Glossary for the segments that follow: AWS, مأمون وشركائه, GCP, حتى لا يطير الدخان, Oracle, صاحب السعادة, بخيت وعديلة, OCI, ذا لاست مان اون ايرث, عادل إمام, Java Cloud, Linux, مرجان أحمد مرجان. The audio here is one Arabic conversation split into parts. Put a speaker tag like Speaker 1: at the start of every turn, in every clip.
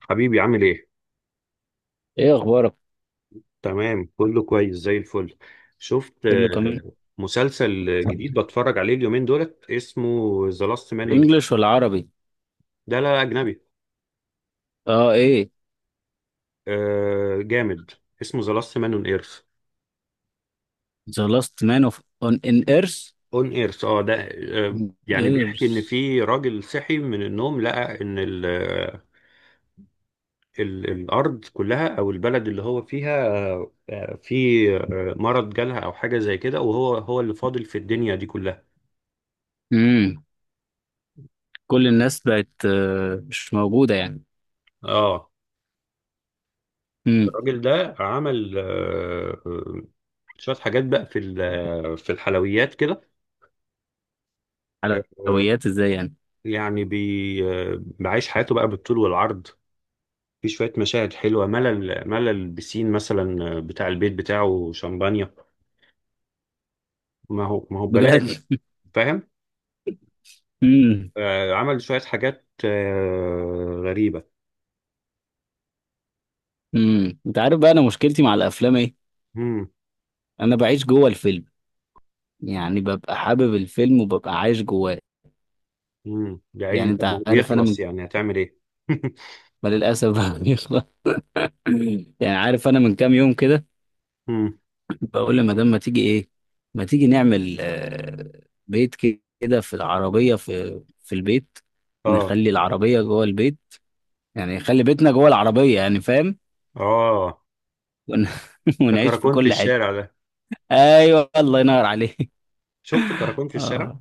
Speaker 1: حبيبي عامل ايه؟
Speaker 2: ايه اخبارك؟
Speaker 1: تمام كله كويس زي الفل. شفت؟
Speaker 2: كله كمان.
Speaker 1: مسلسل جديد بتفرج عليه اليومين دولت، اسمه ذا لاست مان اون
Speaker 2: انجلش
Speaker 1: ايرث.
Speaker 2: ولا عربي؟
Speaker 1: ده لا، لا، اجنبي.
Speaker 2: اه، ايه.
Speaker 1: آه، جامد. اسمه ذا لاست مان اون ايرث.
Speaker 2: The last man of on in earth
Speaker 1: اون ايرث اه ده. يعني بيحكي ان
Speaker 2: earth.
Speaker 1: في راجل صحي من النوم، لقى ان ال آه، ال الارض كلها او البلد اللي هو فيها. في مرض جالها او حاجه زي كده، وهو اللي فاضل في الدنيا دي كلها.
Speaker 2: امم كل الناس بقت مش موجودة يعني.
Speaker 1: اه،
Speaker 2: امم
Speaker 1: الراجل ده عمل شوية حاجات بقى في الحلويات كده. آه،
Speaker 2: حلويات ازاي يعني؟
Speaker 1: يعني بي آه، بعيش حياته بقى بالطول والعرض. في شوية مشاهد حلوة، ملل ملل بسين، مثلا بتاع البيت بتاعه شمبانيا. ما هو ببلاش،
Speaker 2: بجد.
Speaker 1: فاهم.
Speaker 2: امم
Speaker 1: عمل شوية حاجات غريبة.
Speaker 2: انت عارف بقى انا مشكلتي مع الافلام ايه؟
Speaker 1: امم.
Speaker 2: انا بعيش جوه الفيلم، يعني ببقى حابب الفيلم وببقى عايش جواه.
Speaker 1: امم، يا عيني،
Speaker 2: يعني
Speaker 1: طب ما
Speaker 2: انت
Speaker 1: هو
Speaker 2: عارف انا
Speaker 1: بيخلص،
Speaker 2: من،
Speaker 1: يعني هتعمل ايه؟
Speaker 2: ما للاسف بيخلص. يعني عارف انا من كام يوم كده
Speaker 1: امم.
Speaker 2: بقول لمدام ما تيجي ايه، ما تيجي نعمل بيت كده في العربية، في البيت،
Speaker 1: اه،
Speaker 2: نخلي العربية جوه البيت، يعني نخلي بيتنا جوه العربية، يعني فاهم.
Speaker 1: اه،
Speaker 2: ون...
Speaker 1: ده
Speaker 2: ونعيش في
Speaker 1: كراكون في
Speaker 2: كل حتة.
Speaker 1: الشارع. ده
Speaker 2: ايوه الله ينور عليك.
Speaker 1: شفت كراكون في الشارع.
Speaker 2: اه،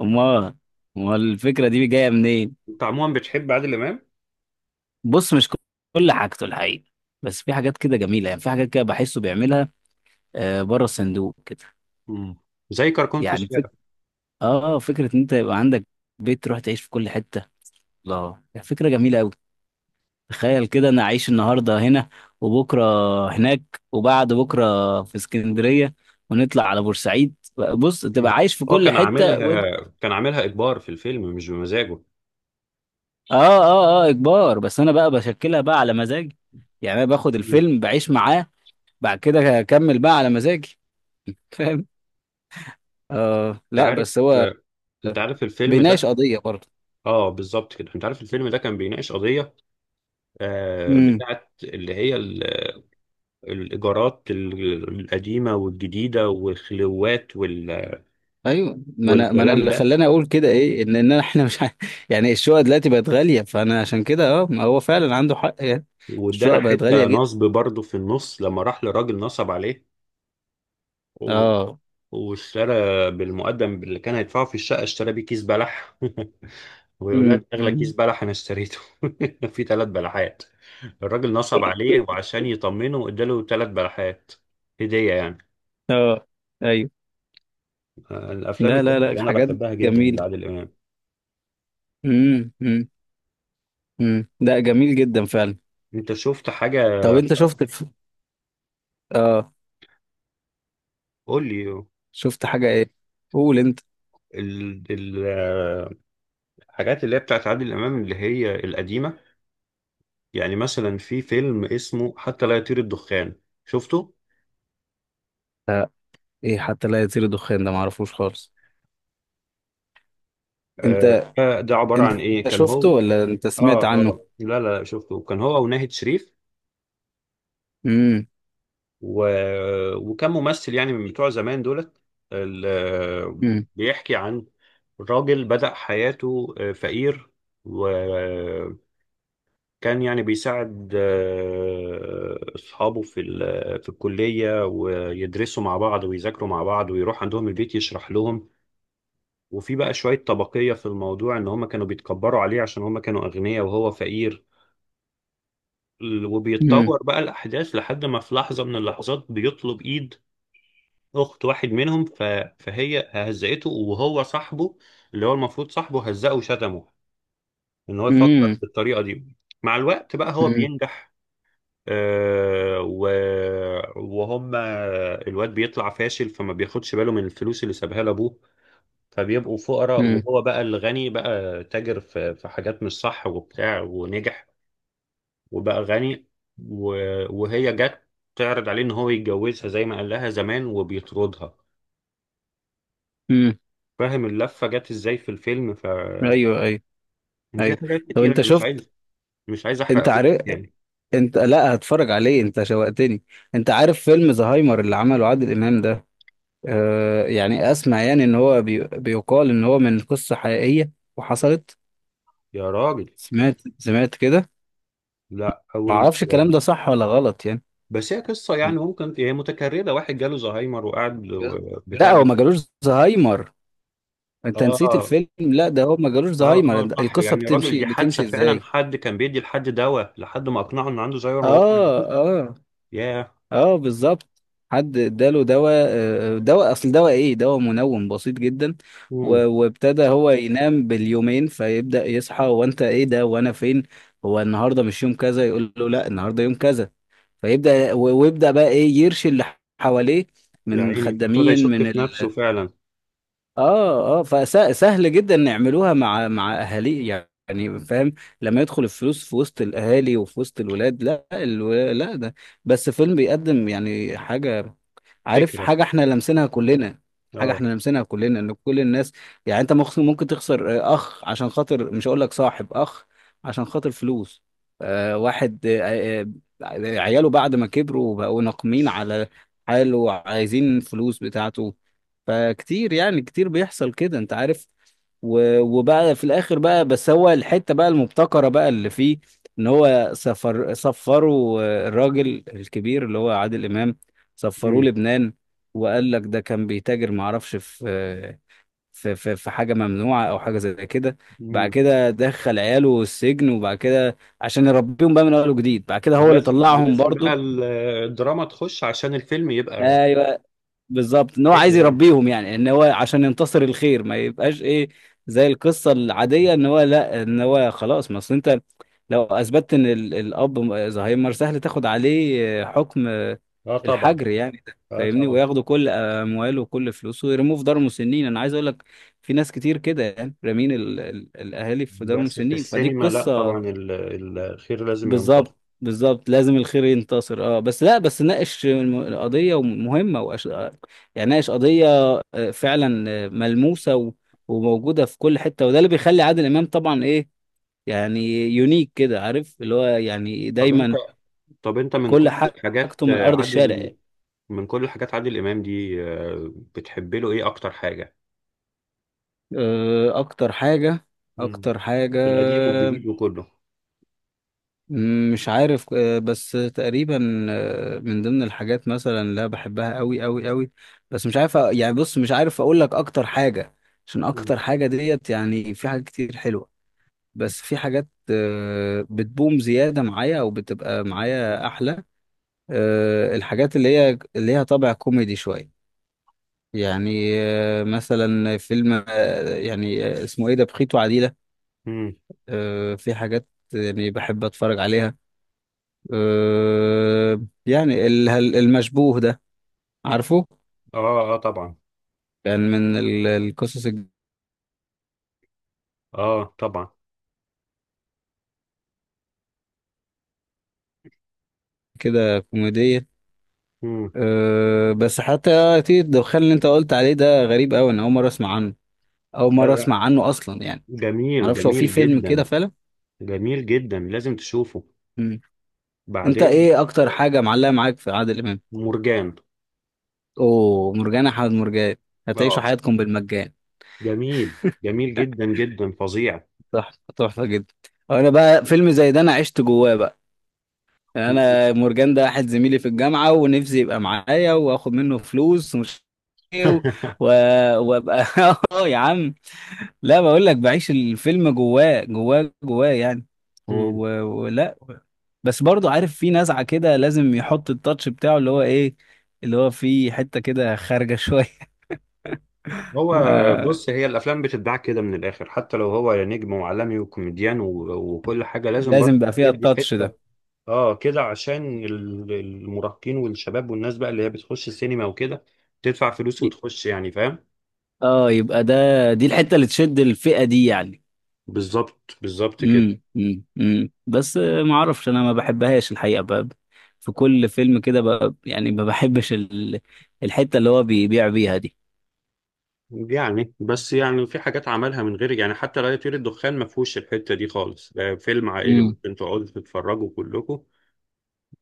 Speaker 2: امال، امال الفكرة دي جاية منين؟
Speaker 1: انت عموما بتحب عادل امام؟
Speaker 2: بص، مش كل حاجته الحقيقة، بس في حاجات كده جميلة، يعني في حاجات كده بحسه بيعملها بره الصندوق كده.
Speaker 1: مم. زي كركون في
Speaker 2: يعني فك...
Speaker 1: الشارع.
Speaker 2: اه، فكرة ان انت يبقى عندك بيت تروح تعيش في كل حتة، الله، يعني فكرة جميلة أوي. تخيل كده أنا أعيش النهاردة هنا، وبكرة هناك، وبعد بكرة في اسكندرية، ونطلع على بورسعيد. بص، تبقى عايش في
Speaker 1: هو
Speaker 2: كل
Speaker 1: كان
Speaker 2: حتة و... آه
Speaker 1: عاملها، كان عاملها اجبار في الفيلم، مش بمزاجه.
Speaker 2: آه، آه، إجبار، بس أنا بقى بشكلها بقى على مزاجي، يعني أنا باخد
Speaker 1: مم.
Speaker 2: الفيلم بعيش معاه، بعد كده أكمل بقى على مزاجي. فاهم؟ آه،
Speaker 1: انت
Speaker 2: لا
Speaker 1: عارف
Speaker 2: بس هو
Speaker 1: آه، انت عارف الفيلم
Speaker 2: بيناقش
Speaker 1: ده.
Speaker 2: قضية برضه.
Speaker 1: اه، بالظبط كده. انت عارف الفيلم ده كان بيناقش قضيه بتاعت اللي هي الايجارات، القديمه والجديده، والخلوات
Speaker 2: ايوه، ما انا
Speaker 1: والكلام
Speaker 2: اللي
Speaker 1: ده.
Speaker 2: خلاني اقول كده، ايه، ان احنا مش ع- يعني الشقق دلوقتي بقت غاليه، فانا عشان كده اه، ما هو فعلا عنده حق يعني،
Speaker 1: وادانا
Speaker 2: الشقق بقت غاليه
Speaker 1: حته
Speaker 2: جدا.
Speaker 1: نصب برضه في النص لما راح لراجل نصب عليه. و-
Speaker 2: اه.
Speaker 1: واشترى بالمقدم اللي كان هيدفعه في الشقة، اشترى بيه كيس بلح. ويقول لها ده أغلى كيس
Speaker 2: أمم.
Speaker 1: بلح أنا اشتريته. في ثلاث بلحات. الراجل نصب عليه، وعشان يطمنه اداله ثلاث بلحات هدية يعني.
Speaker 2: اه. ايوه.
Speaker 1: الأفلام
Speaker 2: لا لا
Speaker 1: الجامدة
Speaker 2: لا،
Speaker 1: اللي أنا
Speaker 2: حاجات
Speaker 1: بحبها جدا
Speaker 2: جميله.
Speaker 1: لعادل إمام.
Speaker 2: امم امم أمم. لا جميل جدا فعلا.
Speaker 1: أنت شفت حاجة؟
Speaker 2: طب انت اه،
Speaker 1: قول لي.
Speaker 2: شفت حاجه ايه؟ قول انت.
Speaker 1: ال- ال- آه، الحاجات اللي هي بتاعت عادل إمام، اللي هي القديمة. يعني مثلا في فيلم اسمه حتى لا يطير الدخان. شفته؟
Speaker 2: لا، ايه حتى لا يطير دخان ده؟ معرفوش خالص. انت،
Speaker 1: ده عبارة عن
Speaker 2: انت
Speaker 1: إيه؟ كان
Speaker 2: شفته
Speaker 1: هو.
Speaker 2: ولا انت
Speaker 1: اه،
Speaker 2: سمعت عنه؟
Speaker 1: اه، لا، لا، لا، شفته. كان هو وناهد شريف،
Speaker 2: امم
Speaker 1: و... وكان ممثل يعني من بتوع زمان دولت. ال...
Speaker 2: امم
Speaker 1: بيحكي عن راجل بدأ حياته فقير. وكان يعني بيساعد أصحابه في الكلية، ويدرسوا مع بعض، ويذاكروا مع بعض، ويروح عندهم البيت يشرح لهم. وفي بقى شوية طبقية في الموضوع، إن هم كانوا بيتكبروا عليه عشان هم كانوا أغنياء وهو فقير. وبيتطور بقى الأحداث، لحد ما في لحظة من اللحظات بيطلب إيد أخت واحد منهم، فهي هزقته، وهو صاحبه، اللي هو المفروض صاحبه، هزقه وشتمه إن هو يفكر
Speaker 2: امم
Speaker 1: بالطريقة دي. مع الوقت بقى هو
Speaker 2: امم
Speaker 1: بينجح. آه و... وهم الواد بيطلع فاشل، فما بياخدش باله من الفلوس اللي سابها لأبوه، فبيبقوا فقراء.
Speaker 2: امم
Speaker 1: وهو بقى الغني، بقى تاجر في حاجات مش صح، وبتاع، ونجح، وبقى غني. و... وهي جت تعرض عليه ان هو يتجوزها زي ما قال لها زمان، وبيطردها.
Speaker 2: امم
Speaker 1: فاهم اللفة جت ازاي في الفيلم؟
Speaker 2: ايوه ايوه
Speaker 1: وفي
Speaker 2: ايوه.
Speaker 1: حاجات
Speaker 2: طب
Speaker 1: كتير
Speaker 2: انت
Speaker 1: انا مش
Speaker 2: شفت،
Speaker 1: عايز، مش عايز
Speaker 2: انت
Speaker 1: احرقه
Speaker 2: عارف،
Speaker 1: يعني.
Speaker 2: انت لا هتفرج عليه، انت شوقتني. انت عارف فيلم زهايمر اللي عمله عادل امام ده؟ آه، يعني اسمع، يعني ان هو بيقال ان هو من قصة حقيقية وحصلت.
Speaker 1: يا راجل،
Speaker 2: سمعت، سمعت كده،
Speaker 1: لا.
Speaker 2: ما
Speaker 1: اول
Speaker 2: اعرفش الكلام
Speaker 1: مرة.
Speaker 2: ده صح ولا غلط يعني.
Speaker 1: بس هي قصة يعني، ممكن هي متكررة، واحد جاله زهايمر وقعد
Speaker 2: بجد؟
Speaker 1: بتاع
Speaker 2: لا هو
Speaker 1: بس.
Speaker 2: ما جالوش زهايمر، انت نسيت
Speaker 1: اه،
Speaker 2: الفيلم، لا ده هو ما جالوش
Speaker 1: اه،
Speaker 2: زهايمر،
Speaker 1: اه، صح.
Speaker 2: القصة
Speaker 1: يعني يا راجل
Speaker 2: بتمشي
Speaker 1: دي حادثة
Speaker 2: بتمشي
Speaker 1: فعلا،
Speaker 2: ازاي؟
Speaker 1: حد كان بيدي لحد دواء لحد ما اقنعه ان عنده زهايمر وهو ما عندوش.
Speaker 2: اه اه
Speaker 1: ياه.
Speaker 2: اه، بالظبط. حد اداله دواء، دواء، اصل دواء ايه، دواء منوم بسيط جدا.
Speaker 1: مم.
Speaker 2: وابتدى هو ينام باليومين، فيبدأ يصحى، وانت ايه ده وانا فين؟ هو النهارده مش يوم كذا؟ يقول له لا، النهارده يوم كذا. فيبدأ ويبدأ بقى ايه يرشي اللي حواليه
Speaker 1: يا
Speaker 2: من
Speaker 1: عيني، ابتدى
Speaker 2: خدامين،
Speaker 1: يشك
Speaker 2: من
Speaker 1: في نفسه فعلا.
Speaker 2: اه اه، فسهل جدا نعملوها مع اهالي، يعني فاهم. لما يدخل الفلوس في وسط الاهالي وفي وسط الولاد، لا لا، ده بس فيلم بيقدم يعني حاجه، عارف
Speaker 1: فكرة.
Speaker 2: حاجه احنا لمسناها كلنا، حاجه
Speaker 1: اه.
Speaker 2: احنا لمسناها كلنا، ان كل الناس، يعني انت ممكن تخسر اخ عشان خاطر، مش هقول لك صاحب، اخ عشان خاطر فلوس، آه واحد آه، آه، عياله بعد ما كبروا بقوا ناقمين على حاله وعايزين فلوس بتاعته. فكتير، يعني كتير بيحصل كده، انت عارف. وبقى في الاخر بقى، بس هو الحته بقى المبتكره بقى اللي فيه، ان هو سفروا الراجل الكبير اللي هو عادل امام، سفروه
Speaker 1: امم.
Speaker 2: لبنان. وقال لك ده كان بيتاجر، ما اعرفش في في حاجه ممنوعه او حاجه زي كده. بعد
Speaker 1: امم.
Speaker 2: كده دخل عياله السجن، وبعد كده عشان يربيهم بقى من اول وجديد، بعد كده هو اللي
Speaker 1: ولازم
Speaker 2: طلعهم
Speaker 1: لازم بقى
Speaker 2: برضه.
Speaker 1: الدراما تخش عشان الفيلم يبقى
Speaker 2: ايوه، بالظبط، ان هو عايز
Speaker 1: حلو يعني.
Speaker 2: يربيهم، يعني ان هو عشان ينتصر الخير، ما يبقاش ايه زي القصه العاديه
Speaker 1: مم.
Speaker 2: ان هو لا، ان هو خلاص. ما اصل انت لو اثبتت ان الاب زهايمر، سهل تاخد عليه حكم،
Speaker 1: اه طبعا.
Speaker 2: الحجر، يعني ده
Speaker 1: اه
Speaker 2: فاهمني،
Speaker 1: طبعا.
Speaker 2: وياخدوا كل امواله وكل فلوسه ويرموه في دار مسنين. انا عايز اقول لك في ناس كتير كده، يعني رامين الاهالي في دار
Speaker 1: بس في
Speaker 2: مسنين، فدي
Speaker 1: السينما لا طبعا،
Speaker 2: قصه.
Speaker 1: الخير لازم ينتصر.
Speaker 2: بالظبط، بالظبط لازم الخير ينتصر. اه بس لا، بس ناقش القضية مهمة يعني ناقش قضية فعلا ملموسة وموجودة في كل حتة، وده اللي بيخلي عادل إمام طبعا ايه، يعني يونيك كده، عارف اللي هو يعني
Speaker 1: طب انت،
Speaker 2: دايما
Speaker 1: طب انت من
Speaker 2: كل
Speaker 1: كل
Speaker 2: حاجته
Speaker 1: الحاجات
Speaker 2: من
Speaker 1: آه،
Speaker 2: أرض الشارع
Speaker 1: عادل
Speaker 2: يعني.
Speaker 1: من كل الحاجات عادل امام دي، بتحب له ايه اكتر حاجة؟
Speaker 2: اكتر حاجة،
Speaker 1: مم.
Speaker 2: اكتر حاجة،
Speaker 1: القديم والجديد وكله.
Speaker 2: مم، مش عارف، بس تقريبا، من ضمن الحاجات مثلا اللي أنا بحبها قوي قوي قوي، بس مش عارف يعني بص مش عارف اقول لك اكتر حاجة، عشان
Speaker 1: مم.
Speaker 2: اكتر حاجة ديت، يعني في حاجات كتير حلوة، بس في حاجات بتبوم زيادة معايا او بتبقى
Speaker 1: مم.
Speaker 2: معايا احلى. الحاجات اللي هي اللي ليها طابع كوميدي شوية، يعني مثلا فيلم اسمه ايه ده، بخيت وعديلة.
Speaker 1: مم.
Speaker 2: في حاجات يعني بحب اتفرج عليها. أه، يعني المشبوه ده، عارفه،
Speaker 1: اه، اه طبعا.
Speaker 2: كان من القصص
Speaker 1: اه طبعا.
Speaker 2: كده كوميدية.
Speaker 1: مم.
Speaker 2: أه بس حتى تيجي الدخان اللي انت قلت عليه ده، غريب قوي، انا اول مرة اسمع عنه، اول
Speaker 1: لا،
Speaker 2: مرة
Speaker 1: لا،
Speaker 2: اسمع عنه اصلا يعني.
Speaker 1: جميل.
Speaker 2: معرفش هو في
Speaker 1: جميل
Speaker 2: فيلم كده
Speaker 1: جدا.
Speaker 2: فعلا.
Speaker 1: جميل جدا، لازم تشوفه.
Speaker 2: مم. انت
Speaker 1: بعدين.
Speaker 2: ايه اكتر حاجة معلقة معاك في عادل امام؟
Speaker 1: مرجان.
Speaker 2: اوه، مرجان، احمد مرجان، هتعيشوا
Speaker 1: اه،
Speaker 2: حياتكم بالمجان.
Speaker 1: جميل، جميل جدا جدا، فظيع.
Speaker 2: تحفة، تحفة جدا. انا بقى فيلم زي ده انا عشت جواه بقى، يعني انا مورجان ده واحد زميلي في الجامعه، ونفسي يبقى معايا واخد منه فلوس ومش إيه، وابقى اه يا عم، لا بقول لك بعيش الفيلم جواه جواه جواه يعني،
Speaker 1: مم.
Speaker 2: ولا. بس برضو عارف في نزعه كده لازم يحط التاتش بتاعه اللي هو ايه، اللي هو في حته كده خارجه شويه.
Speaker 1: هو
Speaker 2: ما
Speaker 1: بص، هي الافلام بتتباع كده من الاخر، حتى لو هو نجم وعالمي وكوميديان وكل حاجه لازم برضه
Speaker 2: لازم يبقى فيها
Speaker 1: يدي
Speaker 2: التاتش
Speaker 1: حته.
Speaker 2: ده.
Speaker 1: اه، كده عشان المراهقين والشباب والناس بقى اللي هي بتخش السينما وكده تدفع فلوس
Speaker 2: ي-
Speaker 1: وتخش، يعني فاهم.
Speaker 2: اه، يبقى ده، دي الحته اللي تشد الفئه دي يعني.
Speaker 1: بالظبط، بالظبط كده.
Speaker 2: بس ما اعرفش، انا ما بحبهاش الحقيقه، في كل فيلم كده، يعني ما بحبش الحته اللي هو بيبيع بيها دي.
Speaker 1: يعني بس يعني في حاجات عملها من غير يعني. حتى لا يطير الدخان ما فيهوش الحتة دي خالص، ده فيلم عائلي
Speaker 2: امم
Speaker 1: ممكن تقعدوا تتفرجوا كلكم.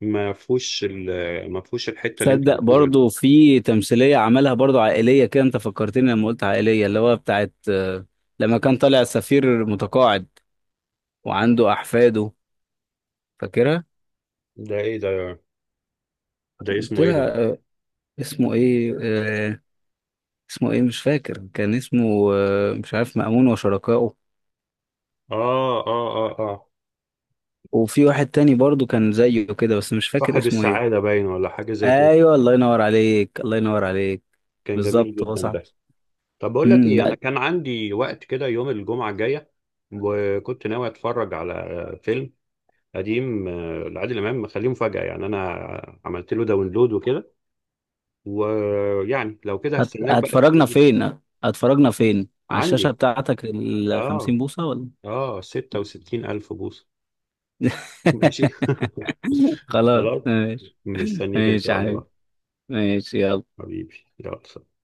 Speaker 1: ما فيهوش ما فيهوش الحتة اللي انت
Speaker 2: صدق،
Speaker 1: بتقولها دي.
Speaker 2: برضو في تمثيليه عملها برضو عائليه كده، انت فكرتني لما قلت عائليه، اللي هو بتاعت لما كان طالع سفير متقاعد وعنده احفاده، فاكرها؟
Speaker 1: ده ايه ده؟ ده
Speaker 2: قلت
Speaker 1: اسمه ايه ده؟
Speaker 2: لها اسمه ايه، اسمه ايه، مش فاكر، كان اسمه مش عارف، مأمون وشركائه.
Speaker 1: اه، اه، اه، اه،
Speaker 2: وفي واحد تاني برضو كان زيه كده، بس مش فاكر
Speaker 1: صاحب
Speaker 2: اسمه ايه.
Speaker 1: السعادة باين ولا حاجة زي كده.
Speaker 2: ايوه الله ينور عليك، الله ينور عليك،
Speaker 1: كان جميل
Speaker 2: بالظبط، هو
Speaker 1: جدا
Speaker 2: صح.
Speaker 1: ده. طب بقول لك
Speaker 2: امم.
Speaker 1: ايه، انا
Speaker 2: لا
Speaker 1: كان عندي وقت كده يوم الجمعة الجاية، وكنت ناوي اتفرج على فيلم قديم لعادل امام، مخليه مفاجأة يعني. انا عملت له داونلود وكده. ويعني لو كده هستناك بقى
Speaker 2: هتفرجنا
Speaker 1: تيجي.
Speaker 2: فين، على الشاشة
Speaker 1: عندي.
Speaker 2: بتاعتك ال
Speaker 1: اه،
Speaker 2: 50 بوصة ولا؟
Speaker 1: اه، 66 ألف بوصة. ماشي.
Speaker 2: خلاص
Speaker 1: خلاص.
Speaker 2: ماشي.
Speaker 1: مستنيك إن
Speaker 2: ماشي
Speaker 1: شاء
Speaker 2: يا
Speaker 1: الله.
Speaker 2: حبيبي، ماشي يلا.
Speaker 1: حبيبي يلا، سلام.